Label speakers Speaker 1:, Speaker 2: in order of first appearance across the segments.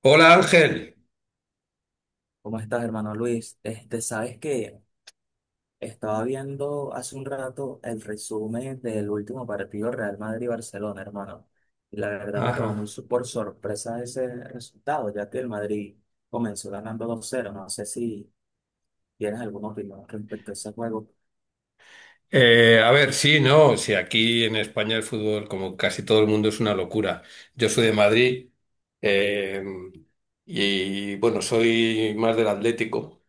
Speaker 1: Hola Ángel.
Speaker 2: ¿Cómo estás, hermano Luis? Sabes que estaba viendo hace un rato el resumen del último partido Real Madrid-Barcelona, hermano. Y la verdad me tomó
Speaker 1: Ajá.
Speaker 2: por sorpresa ese resultado, ya que el Madrid comenzó ganando 2-0. No sé si tienes alguna opinión respecto a ese juego.
Speaker 1: Sí, no, si aquí en España el fútbol, como casi todo el mundo, es una locura. Yo soy de Madrid eh, y bueno, soy más del Atlético,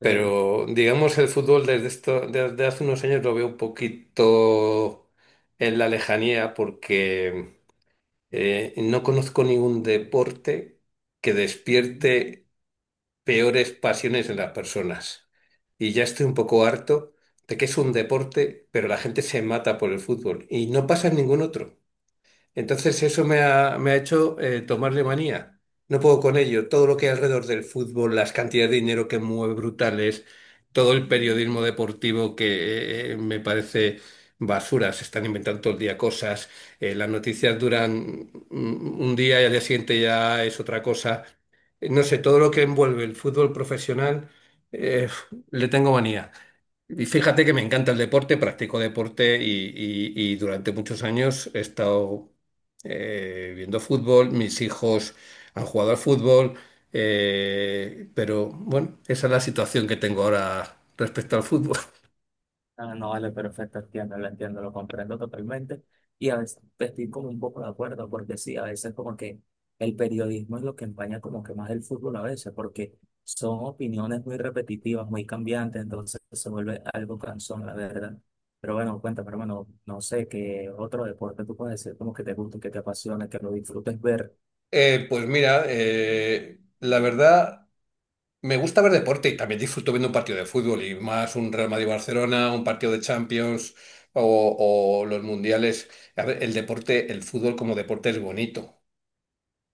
Speaker 2: Ok.
Speaker 1: pero digamos el fútbol desde hace unos años lo veo un poquito en la lejanía porque no conozco ningún deporte que despierte peores pasiones en las personas. Y ya estoy un poco harto de que es un deporte, pero la gente se mata por el fútbol y no pasa en ningún otro. Entonces me ha hecho tomarle manía. No puedo con ello. Todo lo que hay alrededor del fútbol, las cantidades de dinero que mueve brutales, todo el periodismo deportivo que me parece basura. Se están inventando todo el día cosas. Las noticias duran un día y al día siguiente ya es otra cosa. No sé, todo lo que envuelve el fútbol profesional, eh, le tengo manía. Y fíjate que me encanta el deporte, practico deporte y durante muchos años he estado viendo fútbol, mis hijos han jugado al fútbol, pero bueno, esa es la situación que tengo ahora respecto al fútbol.
Speaker 2: Ah, no, vale, perfecto, entiendo, lo comprendo totalmente. Y a veces estoy como un poco de acuerdo, porque sí, a veces como que el periodismo es lo que empaña como que más el fútbol a veces, porque son opiniones muy repetitivas, muy cambiantes, entonces se vuelve algo cansón, la verdad. Pero bueno, cuéntame, hermano, no sé qué otro deporte tú puedes decir como que te guste, que te apasione, que lo disfrutes ver.
Speaker 1: Pues mira, la verdad, me gusta ver deporte y también disfruto viendo un partido de fútbol y más un Real Madrid-Barcelona, un partido de Champions o los mundiales. A ver, el deporte, el fútbol como deporte es bonito.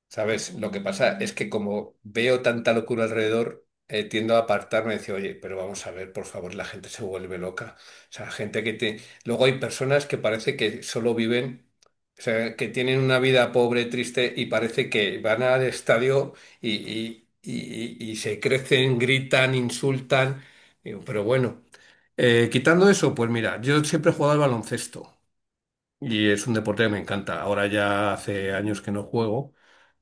Speaker 1: ¿Sabes? Lo que pasa es que como veo tanta locura alrededor, tiendo a apartarme y decir, oye, pero vamos a ver, por favor, la gente se vuelve loca. O sea, gente que te... Luego hay personas que parece que solo viven, o sea, que tienen una vida pobre, triste y parece que van al estadio y se crecen, gritan, insultan. Digo, pero bueno, quitando eso, pues mira, yo siempre he jugado al baloncesto. Y es un deporte que me encanta. Ahora ya hace años que no juego,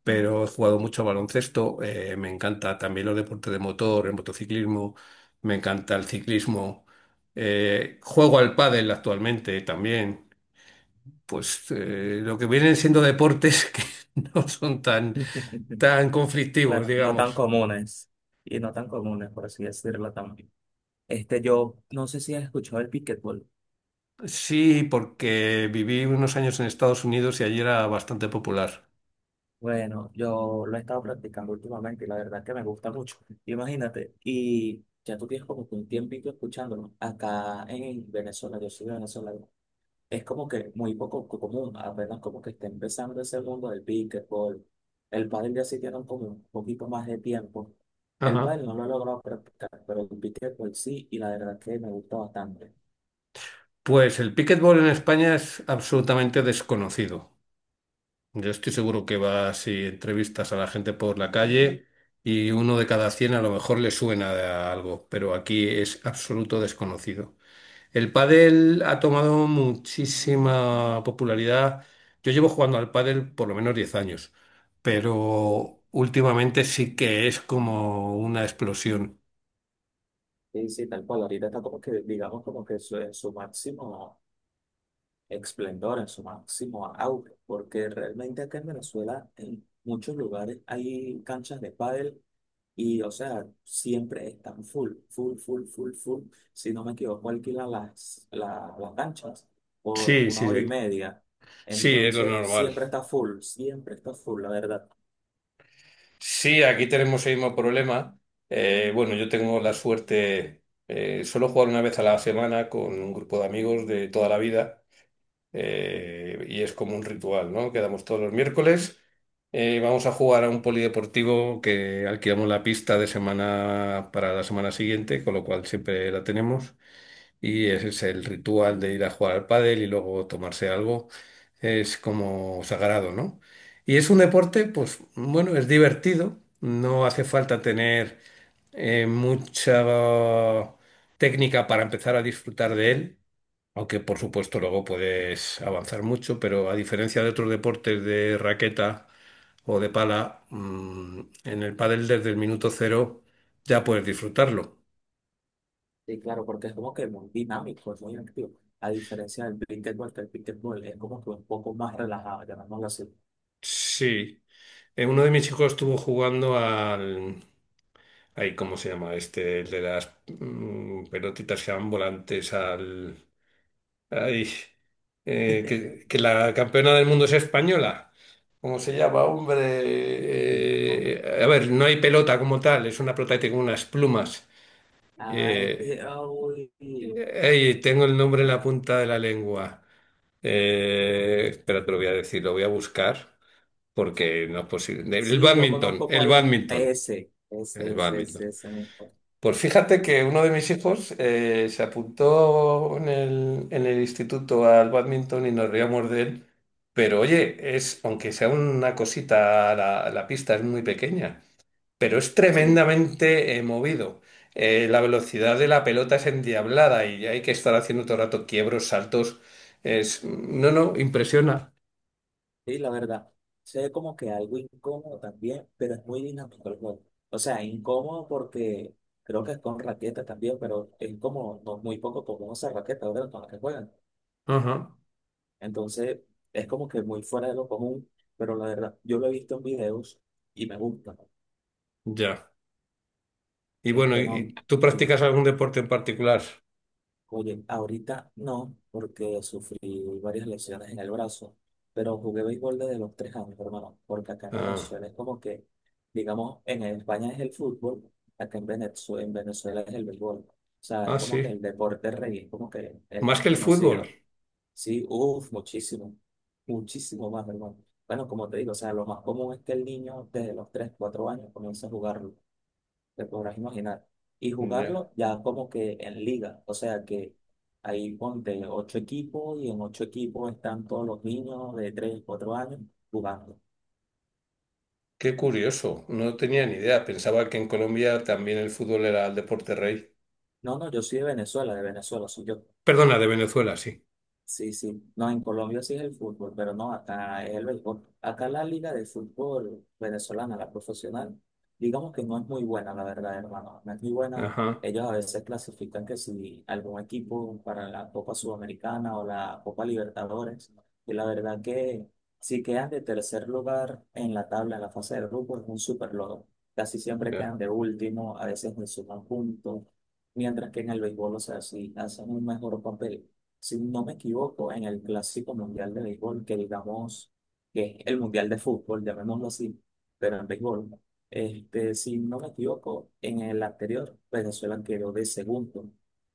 Speaker 1: pero he jugado mucho a baloncesto. Me encanta también los deportes de motor, el motociclismo. Me encanta el ciclismo. Juego al pádel actualmente también. Pues lo que vienen siendo deportes que no son tan, tan conflictivos,
Speaker 2: Claro, no tan
Speaker 1: digamos.
Speaker 2: comunes, y no tan comunes, por así decirlo también. Yo no sé si has escuchado el pickleball.
Speaker 1: Sí, porque viví unos años en Estados Unidos y allí era bastante popular.
Speaker 2: Bueno, yo lo he estado practicando últimamente y la verdad es que me gusta mucho. Imagínate, y ya tú tienes como que un tiempito escuchándolo. Acá en Venezuela, yo soy venezolano, es como que muy común, apenas como que está empezando ese mundo del pickleball. El pádel ya sí tiene como un poquito más de tiempo. El
Speaker 1: Ajá.
Speaker 2: pádel no lo he logrado practicar, pero el pickleball sí, y la verdad es que me gusta bastante.
Speaker 1: Pues el pickleball en España es absolutamente desconocido. Yo estoy seguro que vas y entrevistas a la gente por la calle y uno de cada cien a lo mejor le suena de algo, pero aquí es absoluto desconocido. El pádel ha tomado muchísima popularidad. Yo llevo jugando al pádel por lo menos 10 años,
Speaker 2: Uy,
Speaker 1: pero últimamente sí que es como una explosión.
Speaker 2: sí, sí, tal cual. Ahorita está como que, digamos, como que su, en su máximo esplendor, en su máximo auge, porque realmente acá en Venezuela, en muchos lugares hay canchas de pádel y, o sea, siempre están full, full, full, full, full. Si no me equivoco, alquilan las canchas por
Speaker 1: Sí,
Speaker 2: una
Speaker 1: sí,
Speaker 2: hora y
Speaker 1: sí.
Speaker 2: media.
Speaker 1: Sí, es lo
Speaker 2: Entonces,
Speaker 1: normal.
Speaker 2: siempre está full, la verdad.
Speaker 1: Sí, aquí tenemos el mismo problema. Bueno, yo tengo la suerte, solo jugar una vez a la semana con un grupo de amigos de toda la vida y es como un ritual, ¿no? Quedamos todos los miércoles, vamos a jugar a un polideportivo que alquilamos la pista de semana para la semana siguiente, con lo cual siempre la tenemos y ese es el ritual de ir a jugar al pádel y luego tomarse algo, es como sagrado, ¿no? Y es un deporte, pues bueno, es divertido, no hace falta tener mucha técnica para empezar a disfrutar de él, aunque por supuesto luego puedes avanzar mucho, pero a diferencia de otros deportes de raqueta o de pala, en el pádel desde el minuto 0 ya puedes disfrutarlo.
Speaker 2: Y claro, porque es como que muy dinámico, es muy activo. A diferencia del pickleball, que el pickleball es como que un poco más relajado, llamémoslo así.
Speaker 1: Sí. Uno de mis hijos estuvo jugando al... Ay, ¿cómo se llama este? El de las pelotitas que van volantes al... Ay, que la campeona del mundo es española. ¿Cómo se llama, hombre?
Speaker 2: No.
Speaker 1: No hay pelota como tal, es una pelota que tiene unas plumas.
Speaker 2: Ah,
Speaker 1: Eh,
Speaker 2: ah, uy,
Speaker 1: ay, tengo el nombre en
Speaker 2: eh,
Speaker 1: la punta de la lengua. Espera, te lo voy a decir, lo voy a buscar porque no es posible. El
Speaker 2: sí, yo
Speaker 1: bádminton,
Speaker 2: conozco
Speaker 1: el
Speaker 2: cuál es.
Speaker 1: bádminton.
Speaker 2: Ese, ese,
Speaker 1: El
Speaker 2: ese,
Speaker 1: bádminton.
Speaker 2: ese, ese mismo.
Speaker 1: Pues fíjate que uno de mis hijos se apuntó en el instituto al bádminton y nos reíamos de él. Pero oye, es, aunque sea una cosita, la pista es muy pequeña, pero es
Speaker 2: Sí,
Speaker 1: tremendamente movido. La velocidad de la pelota es endiablada y hay que estar haciendo todo el rato quiebros, saltos. Es, no, no, impresiona.
Speaker 2: sí, la verdad. Sé como que algo incómodo también, pero es muy dinámico el juego. O sea, incómodo porque creo que es con raqueta también, pero es como no, muy poco común esa raqueta, ¿verdad? Con la que juegan.
Speaker 1: Ajá,
Speaker 2: Entonces, es como que muy fuera de lo común, pero la verdad, yo lo he visto en videos y me gusta.
Speaker 1: ya. Y bueno,
Speaker 2: No.
Speaker 1: y tú practicas algún deporte en particular?
Speaker 2: Jugué, ahorita no, porque sufrí varias lesiones en el brazo, pero jugué béisbol desde los 3 años, hermano, porque acá en
Speaker 1: Ah,
Speaker 2: Venezuela es como que, digamos, en España es el fútbol, acá en Venezuela es el béisbol. O sea,
Speaker 1: ah,
Speaker 2: es como que
Speaker 1: sí.
Speaker 2: el deporte rey, es como que el
Speaker 1: Más
Speaker 2: más
Speaker 1: que el fútbol.
Speaker 2: conocido. Sí, uff, muchísimo, muchísimo más, hermano. Bueno, como te digo, o sea, lo más común es que el niño desde los tres, cuatro años comience a jugarlo, te podrás imaginar. Y
Speaker 1: Ya.
Speaker 2: jugarlo ya como que en liga, o sea que ahí ponte ocho equipos y en ocho equipos están todos los niños de tres, cuatro años jugando.
Speaker 1: Qué curioso. No tenía ni idea. Pensaba que en Colombia también el fútbol era el deporte rey.
Speaker 2: No, no, yo soy de Venezuela, soy yo.
Speaker 1: Perdona, de Venezuela, sí.
Speaker 2: Sí, sí. No, en Colombia sí es el fútbol, pero no, acá es el béisbol. Acá la liga de fútbol venezolana, la profesional, digamos que no es muy buena, la verdad, hermano. No es muy buena.
Speaker 1: Ajá,
Speaker 2: Ellos a veces clasifican que si algún equipo para la Copa Sudamericana o la Copa Libertadores, y la verdad que si quedan de tercer lugar en la tabla, en la fase de grupo, es un súper logro. Casi siempre
Speaker 1: ya.
Speaker 2: quedan de último, a veces ni suman puntos, mientras que en el béisbol, o sea, sí hacen un mejor papel si no me equivoco, en el Clásico Mundial de Béisbol, que digamos que es el Mundial de Fútbol, llamémoslo así, pero en béisbol, si no me equivoco, en el anterior Venezuela quedó de segundo.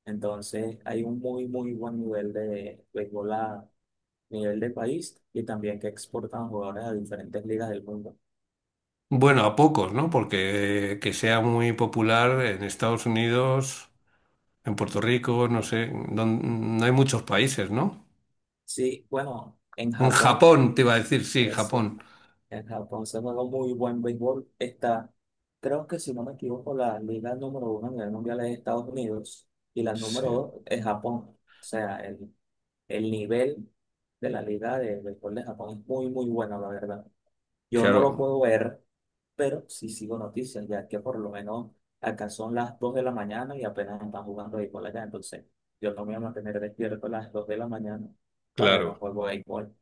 Speaker 2: Entonces hay un muy, muy buen nivel de béisbol a nivel de país y también que exportan jugadores a diferentes ligas del mundo.
Speaker 1: Bueno, a pocos, ¿no? Porque que sea muy popular en Estados Unidos, en Puerto Rico, no sé, don- no hay muchos países, ¿no?
Speaker 2: Sí, bueno, en
Speaker 1: En
Speaker 2: Japón.
Speaker 1: Japón, te iba a decir, sí, Japón.
Speaker 2: En Japón se juega muy buen béisbol. Está, creo que si no me equivoco, la liga número uno a nivel mundial es Estados Unidos y la
Speaker 1: Sí,
Speaker 2: número dos es Japón. O sea, el nivel de la liga de béisbol de Japón es muy, muy bueno, la verdad. Yo no lo
Speaker 1: claro.
Speaker 2: puedo ver, pero sí sigo noticias, ya que por lo menos acá son las 2 de la mañana y apenas están jugando béisbol allá. Entonces, yo no me voy a mantener despierto a las 2 de la mañana para ver un
Speaker 1: Claro.
Speaker 2: juego de béisbol.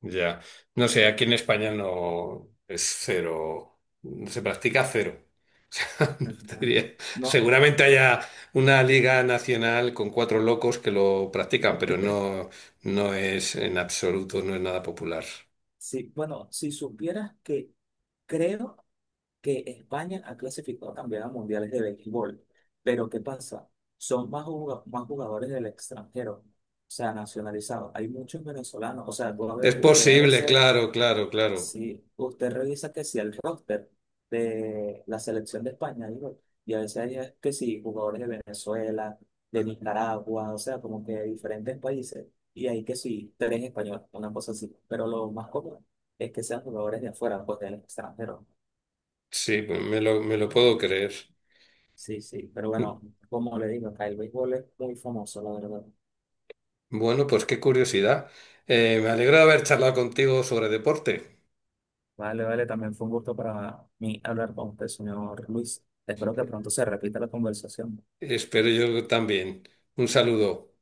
Speaker 1: Ya. No sé, aquí en España no es cero, se practica cero. O sea, no te
Speaker 2: Ujú.
Speaker 1: diría-
Speaker 2: No,
Speaker 1: Seguramente haya una liga nacional con cuatro locos que lo practican, pero no, no es en absoluto, no es nada popular.
Speaker 2: sí, bueno, si supieras que creo que España ha clasificado también a mundiales de béisbol, pero ¿qué pasa? Son más, más jugadores del extranjero, o sea, nacionalizados. Hay muchos venezolanos, o sea,
Speaker 1: Es
Speaker 2: usted a
Speaker 1: posible,
Speaker 2: veces
Speaker 1: claro, claro, claro.
Speaker 2: sí, usted revisa que si el roster de la selección de España, digo, y a veces hay que sí, jugadores de Venezuela, de Nicaragua, o sea, como que de diferentes países, y hay que sí, tres españoles, una cosa así, pero lo más común es que sean jugadores de afuera, pues del extranjero.
Speaker 1: Sí, pues me lo puedo creer.
Speaker 2: Sí, sí, pero
Speaker 1: Mm,
Speaker 2: bueno, como le digo, acá el béisbol es muy famoso, la verdad.
Speaker 1: Bueno, pues qué curiosidad. Me alegro de haber charlado contigo sobre deporte.
Speaker 2: Vale, vale, también fue un gusto para mí hablar con usted, señor Luis. Espero que pronto se repita la conversación.
Speaker 1: Espero yo también. Un saludo.